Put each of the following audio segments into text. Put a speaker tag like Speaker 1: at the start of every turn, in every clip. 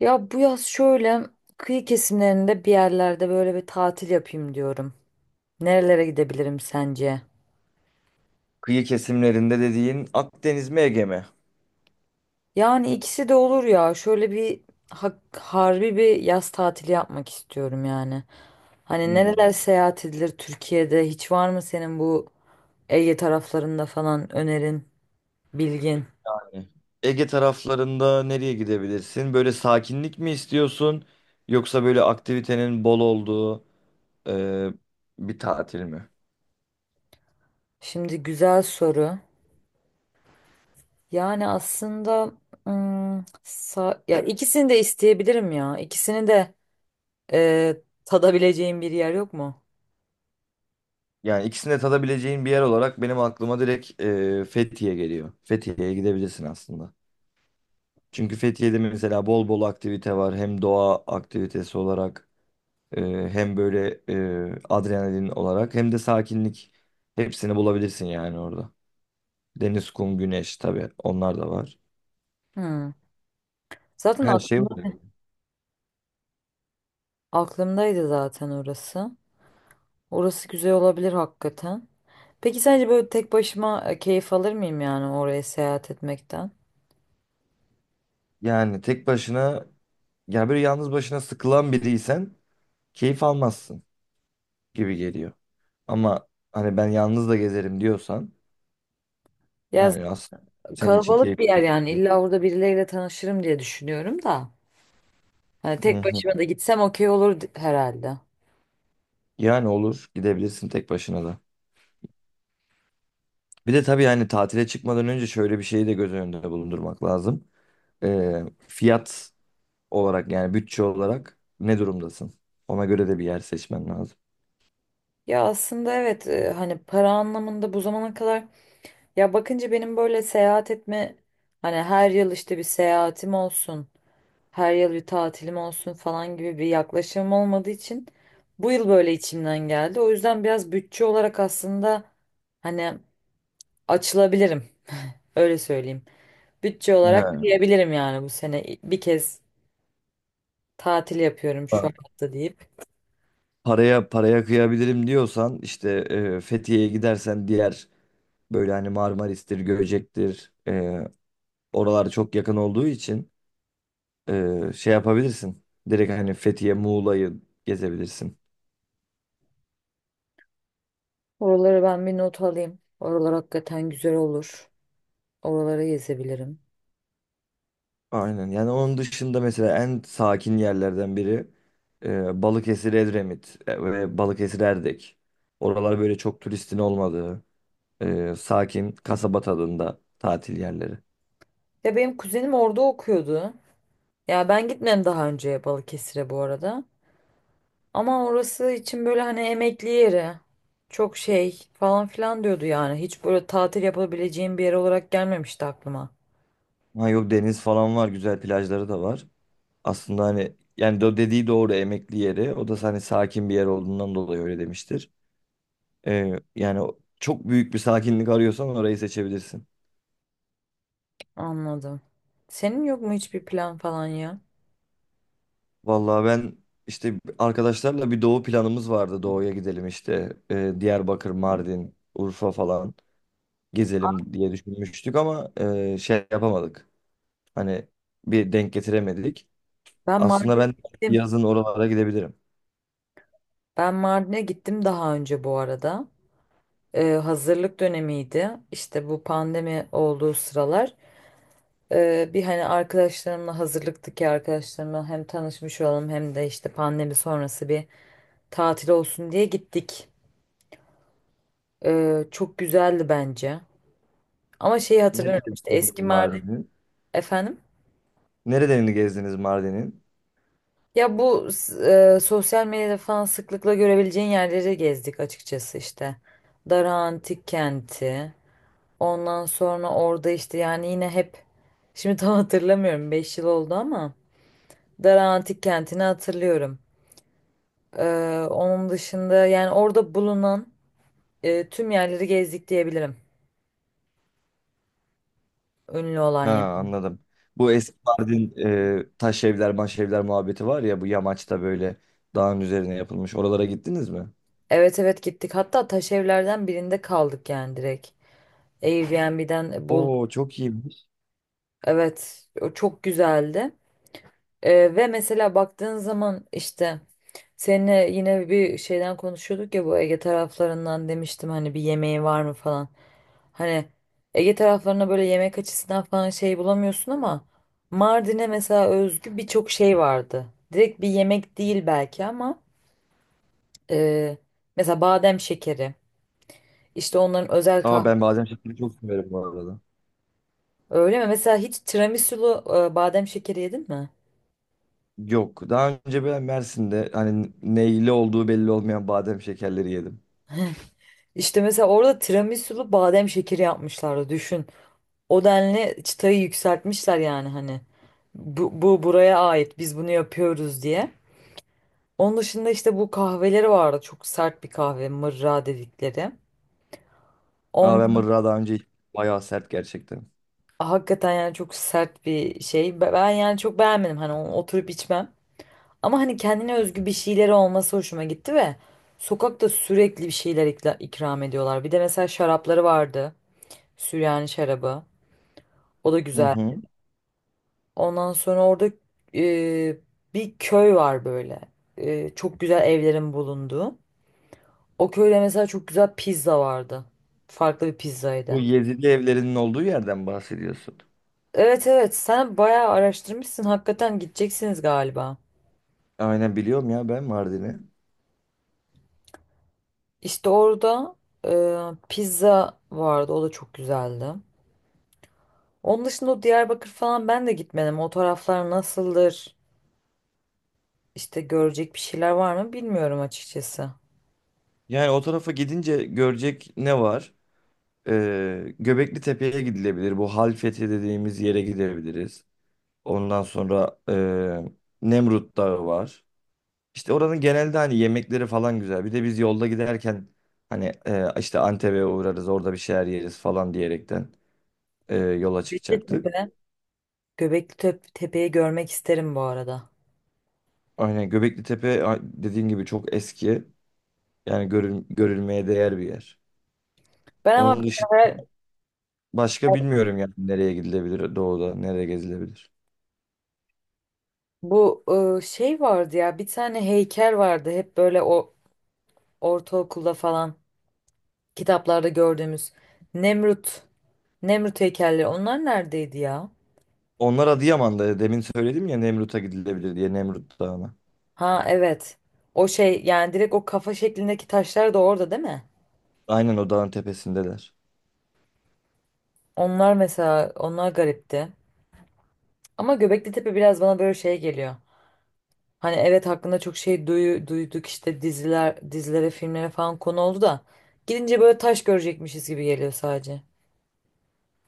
Speaker 1: Ya bu yaz şöyle kıyı kesimlerinde bir yerlerde böyle bir tatil yapayım diyorum. Nerelere gidebilirim sence?
Speaker 2: Kıyı kesimlerinde dediğin Akdeniz mi Ege mi?
Speaker 1: Yani ikisi de olur ya. Şöyle bir harbi bir yaz tatili yapmak istiyorum yani. Hani
Speaker 2: Hmm.
Speaker 1: nereler seyahat edilir Türkiye'de? Hiç var mı senin bu Ege taraflarında falan önerin, bilgin?
Speaker 2: Yani Ege taraflarında nereye gidebilirsin? Böyle sakinlik mi istiyorsun? Yoksa böyle aktivitenin bol olduğu e, bir tatil mi?
Speaker 1: Şimdi güzel soru. Yani aslında ya ikisini de isteyebilirim ya. İkisini de Ee, tadabileceğim bir yer yok mu?
Speaker 2: Yani ikisini de tadabileceğin bir yer olarak benim aklıma direkt Fethiye geliyor. Fethiye'ye gidebilirsin aslında. Çünkü Fethiye'de mesela bol bol aktivite var. Hem doğa aktivitesi olarak e, hem böyle adrenalin olarak hem de sakinlik. Hepsini bulabilirsin yani orada. Deniz, kum, güneş tabii onlar da var.
Speaker 1: Hmm. Zaten
Speaker 2: Her
Speaker 1: ak-
Speaker 2: şey var.
Speaker 1: aklımdaydı zaten orası. Orası güzel olabilir hakikaten. Peki sence böyle tek başıma keyif alır mıyım yani oraya seyahat etmekten?
Speaker 2: Yani tek başına ya böyle yalnız başına sıkılan biriysen keyif almazsın gibi geliyor. Ama hani ben yalnız da gezerim diyorsan
Speaker 1: Ya z-
Speaker 2: yani aslında senin için
Speaker 1: kalabalık bir yer
Speaker 2: keyifli.
Speaker 1: yani illa orada birileriyle tanışırım diye düşünüyorum da. Hani
Speaker 2: Hı
Speaker 1: tek
Speaker 2: hı.
Speaker 1: başıma da gitsem okey olur herhalde.
Speaker 2: Yani olur gidebilirsin tek başına da. Bir de tabii yani tatile çıkmadan önce şöyle bir şeyi de göz önünde bulundurmak lazım. Ee, Fiyat olarak yani bütçe olarak ne durumdasın? Ona göre de bir yer seçmen lazım.
Speaker 1: Ya aslında evet hani para anlamında bu zamana kadar. Ya bakınca benim böyle seyahat etme, hani her yıl işte bir seyahatim olsun, her yıl bir tatilim olsun falan gibi bir yaklaşımım olmadığı için bu yıl böyle içimden geldi. O yüzden biraz bütçe olarak aslında hani açılabilirim, öyle söyleyeyim. Bütçe olarak diyebilirim yani bu sene bir kez tatil yapıyorum şu
Speaker 2: He,
Speaker 1: hayatta deyip.
Speaker 2: paraya paraya kıyabilirim diyorsan işte Fethiye'ye gidersen diğer böyle hani Marmaris'tir, Göcek'tir, oralar çok yakın olduğu için şey yapabilirsin. Direkt hani Fethiye, Muğla'yı gezebilirsin.
Speaker 1: Oraları ben bir not alayım. Oralar hakikaten güzel olur. Oraları gezebilirim.
Speaker 2: Aynen, yani onun dışında mesela en sakin yerlerden biri Balıkesir, Edremit ve Balıkesir, Erdek. Oralar böyle çok turistin olmadığı, sakin kasaba tadında tatil yerleri.
Speaker 1: Ya benim kuzenim orada okuyordu. Ya ben gitmedim daha önce Balıkesir'e bu arada. Ama orası için böyle hani emekli yeri. Çok şey falan filan diyordu yani. Hiç böyle tatil yapabileceğim bir yer olarak gelmemişti aklıma.
Speaker 2: Ha yok, deniz falan var, güzel plajları da var. Aslında hani yani o dediği doğru, emekli yeri. O da hani sakin bir yer olduğundan dolayı öyle demiştir. Yani çok büyük bir sakinlik arıyorsan orayı seçebilirsin.
Speaker 1: Anladım. Senin yok mu hiçbir plan falan ya?
Speaker 2: Vallahi ben işte arkadaşlarla bir doğu planımız vardı. Doğuya gidelim işte Diyarbakır, Mardin, Urfa falan gezelim diye düşünmüştük ama şey yapamadık. Hani bir denk getiremedik.
Speaker 1: Ben
Speaker 2: Aslında
Speaker 1: Mardin'e
Speaker 2: ben
Speaker 1: gittim.
Speaker 2: yazın oralara gidebilirim.
Speaker 1: Ben Mardin'e gittim daha önce bu arada. Hazırlık dönemiydi. İşte bu pandemi olduğu sıralar. Bir hani hazırlıktaki arkadaşlarımla hem tanışmış olalım hem de işte pandemi sonrası bir tatil olsun diye gittik. Çok güzeldi bence. Ama şeyi
Speaker 2: Nereye
Speaker 1: hatırlıyorum işte
Speaker 2: gidebilirim
Speaker 1: eski Mardin
Speaker 2: Mardin'e?
Speaker 1: efendim.
Speaker 2: Nerelerini gezdiniz Mardin'in?
Speaker 1: Ya bu sosyal medyada falan sıklıkla görebileceğin yerleri gezdik açıkçası işte. Dara Antik Kenti. Ondan sonra orada işte yani yine hep şimdi tam hatırlamıyorum, 5 yıl oldu, ama Dara Antik Kenti'ni hatırlıyorum. Onun dışında yani orada bulunan tüm yerleri gezdik diyebilirim. Ünlü olan
Speaker 2: Ha
Speaker 1: yer.
Speaker 2: anladım. Bu eski Mardin taş evler, maş evler muhabbeti var ya, bu yamaçta böyle dağın üzerine yapılmış. Oralara gittiniz mi?
Speaker 1: Evet, evet, gittik. Hatta taş evlerden birinde kaldık yani direkt. Airbnb'den bulduk.
Speaker 2: Oo çok iyiymiş.
Speaker 1: Evet, o çok güzeldi. Ve mesela baktığın zaman işte seninle yine bir şeyden konuşuyorduk ya, bu Ege taraflarından demiştim hani bir yemeği var mı falan. Hani Ege taraflarına böyle yemek açısından falan şey bulamıyorsun, ama Mardin'e mesela özgü birçok şey vardı. Direkt bir yemek değil belki ama e, mesela badem şekeri, işte onların özel
Speaker 2: Aa
Speaker 1: kahve.
Speaker 2: ben Bademşehir'i çok severim bu arada.
Speaker 1: Öyle mi? Mesela hiç tiramisulu badem şekeri yedin mi?
Speaker 2: Yok. Daha önce ben Mersin'de hani neyli olduğu belli olmayan badem şekerleri yedim.
Speaker 1: İşte mesela orada tiramisulu badem şekeri yapmışlardı düşün. O denli çıtayı yükseltmişler yani hani. Bu buraya ait, biz bunu yapıyoruz diye. Onun dışında işte bu kahveleri vardı. Çok sert bir kahve, mırra dedikleri.
Speaker 2: Aa ben
Speaker 1: On,
Speaker 2: mırra daha önce bayağı sert gerçekten.
Speaker 1: hakikaten yani çok sert bir şey. Ben yani çok beğenmedim. Hani onu oturup içmem. Ama hani kendine özgü bir şeyleri olması hoşuma gitti ve sokakta sürekli bir şeyler ikram ediyorlar. Bir de mesela şarapları vardı. Süryani şarabı. O da
Speaker 2: Hı
Speaker 1: güzel.
Speaker 2: hı.
Speaker 1: Ondan sonra orada e, bir köy var böyle. Çok güzel evlerin bulunduğu. O köyde mesela çok güzel pizza vardı. Farklı bir pizzaydı.
Speaker 2: Bu Yezidi evlerinin olduğu yerden bahsediyorsun.
Speaker 1: Evet, evet, sen bayağı araştırmışsın. Hakikaten gideceksiniz galiba.
Speaker 2: Aynen biliyorum ya ben Mardin'i.
Speaker 1: İşte orada pizza vardı. O da çok güzeldi. Onun dışında o Diyarbakır falan ben de gitmedim. O taraflar nasıldır? İşte görecek bir şeyler var mı bilmiyorum açıkçası.
Speaker 2: Yani o tarafa gidince görecek ne var? Göbekli Tepe'ye gidilebilir. Bu Halfeti dediğimiz yere gidebiliriz. Ondan sonra Nemrut Dağı var. İşte oranın genelde hani yemekleri falan güzel. Bir de biz yolda giderken hani işte Antep'e uğrarız orada bir şeyler yeriz falan diyerekten yola
Speaker 1: Göbekli
Speaker 2: çıkacaktık.
Speaker 1: Tepe. Tepe'yi görmek isterim bu arada.
Speaker 2: Aynen, Göbekli Tepe, dediğim gibi çok eski. Yani görülmeye değer bir yer.
Speaker 1: Ben ama
Speaker 2: Onun
Speaker 1: böyle
Speaker 2: dışı başka bilmiyorum yani nereye gidilebilir doğuda, nereye gezilebilir.
Speaker 1: bu şey vardı ya, bir tane heykel vardı hep böyle, o ortaokulda falan kitaplarda gördüğümüz Nemrut Nemrut heykelleri, onlar neredeydi ya?
Speaker 2: Onlar Adıyaman'da. Demin söyledim ya Nemrut'a gidilebilir diye, Nemrut Dağı'na.
Speaker 1: Ha, evet. O şey yani direkt o kafa şeklindeki taşlar da orada değil mi?
Speaker 2: Aynen, o dağın tepesindeler.
Speaker 1: Onlar mesela, onlar garipti. Ama Göbekli Tepe biraz bana böyle şey geliyor. Hani evet hakkında çok şey duyduk, işte diziler, dizilere, filmlere falan konu oldu da gidince böyle taş görecekmişiz gibi geliyor sadece.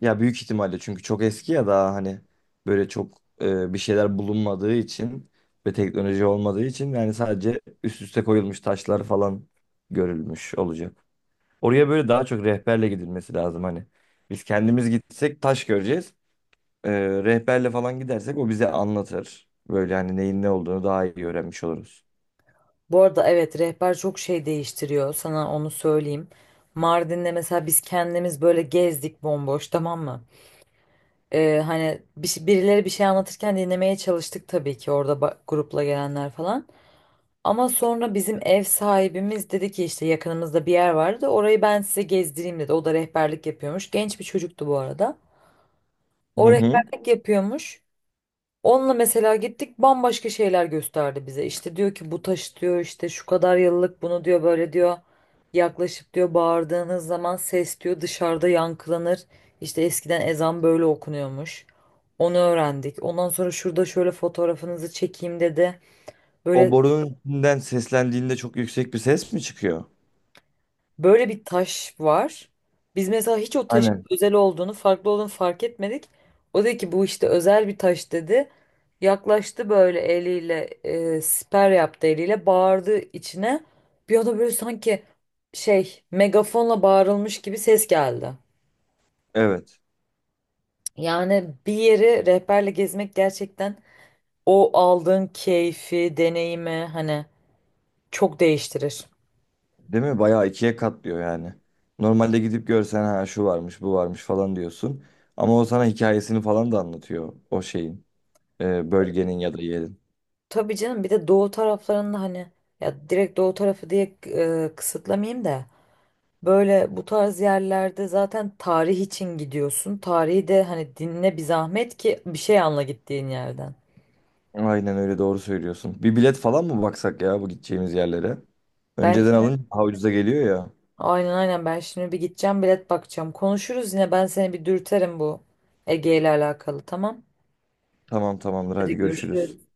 Speaker 2: Ya büyük ihtimalle çünkü çok eski ya, daha hani böyle çok bir şeyler bulunmadığı için ve teknoloji olmadığı için yani sadece üst üste koyulmuş taşlar falan görülmüş olacak. Oraya böyle daha çok rehberle gidilmesi lazım hani. Biz kendimiz gitsek taş göreceğiz. E, Rehberle falan gidersek o bize anlatır. Böyle hani neyin ne olduğunu daha iyi öğrenmiş oluruz.
Speaker 1: Bu arada evet, rehber çok şey değiştiriyor, sana onu söyleyeyim. Mardin'de mesela biz kendimiz böyle gezdik bomboş, tamam mı? Hani birileri bir şey anlatırken dinlemeye çalıştık tabii ki orada, grupla gelenler falan. Ama sonra bizim ev sahibimiz dedi ki işte yakınımızda bir yer vardı, orayı ben size gezdireyim dedi. O da rehberlik yapıyormuş. Genç bir çocuktu bu arada.
Speaker 2: Hı
Speaker 1: O
Speaker 2: hı.
Speaker 1: rehberlik yapıyormuş. Onunla mesela gittik, bambaşka şeyler gösterdi bize. İşte diyor ki bu taş diyor işte şu kadar yıllık, bunu diyor böyle diyor. Yaklaşıp diyor bağırdığınız zaman ses diyor dışarıda yankılanır. İşte eskiden ezan böyle okunuyormuş. Onu öğrendik. Ondan sonra şurada şöyle fotoğrafınızı çekeyim dedi.
Speaker 2: O
Speaker 1: Böyle
Speaker 2: borunun içinden seslendiğinde çok yüksek bir ses mi çıkıyor?
Speaker 1: Böyle bir taş var. Biz mesela hiç o taşın
Speaker 2: Aynen.
Speaker 1: özel olduğunu, farklı olduğunu fark etmedik. O dedi ki bu işte özel bir taş dedi. Yaklaştı böyle eliyle, siper yaptı eliyle, bağırdı içine. Bir anda böyle sanki şey, megafonla bağırılmış gibi ses geldi.
Speaker 2: Evet.
Speaker 1: Yani bir yeri rehberle gezmek gerçekten o aldığın keyfi, deneyimi hani çok değiştirir.
Speaker 2: Değil mi? Bayağı ikiye katlıyor yani. Normalde gidip görsen ha şu varmış, bu varmış falan diyorsun. Ama o sana hikayesini falan da anlatıyor o şeyin, bölgenin ya da yerin.
Speaker 1: Tabii canım, bir de doğu taraflarında hani, ya direkt doğu tarafı diye kısıtlamayayım da, böyle bu tarz yerlerde zaten tarih için gidiyorsun. Tarihi de hani dinle bir zahmet ki bir şey anla gittiğin yerden.
Speaker 2: Aynen öyle, doğru söylüyorsun. Bir bilet falan mı baksak ya, bu gideceğimiz yerlere?
Speaker 1: Ben
Speaker 2: Önceden alınca daha ucuza geliyor ya.
Speaker 1: aynen, ben şimdi bir gideceğim, bilet bakacağım. Konuşuruz yine, ben seni bir dürterim bu Ege ile alakalı, tamam.
Speaker 2: Tamam, tamamdır, hadi
Speaker 1: Hadi
Speaker 2: görüşürüz.
Speaker 1: görüşürüz.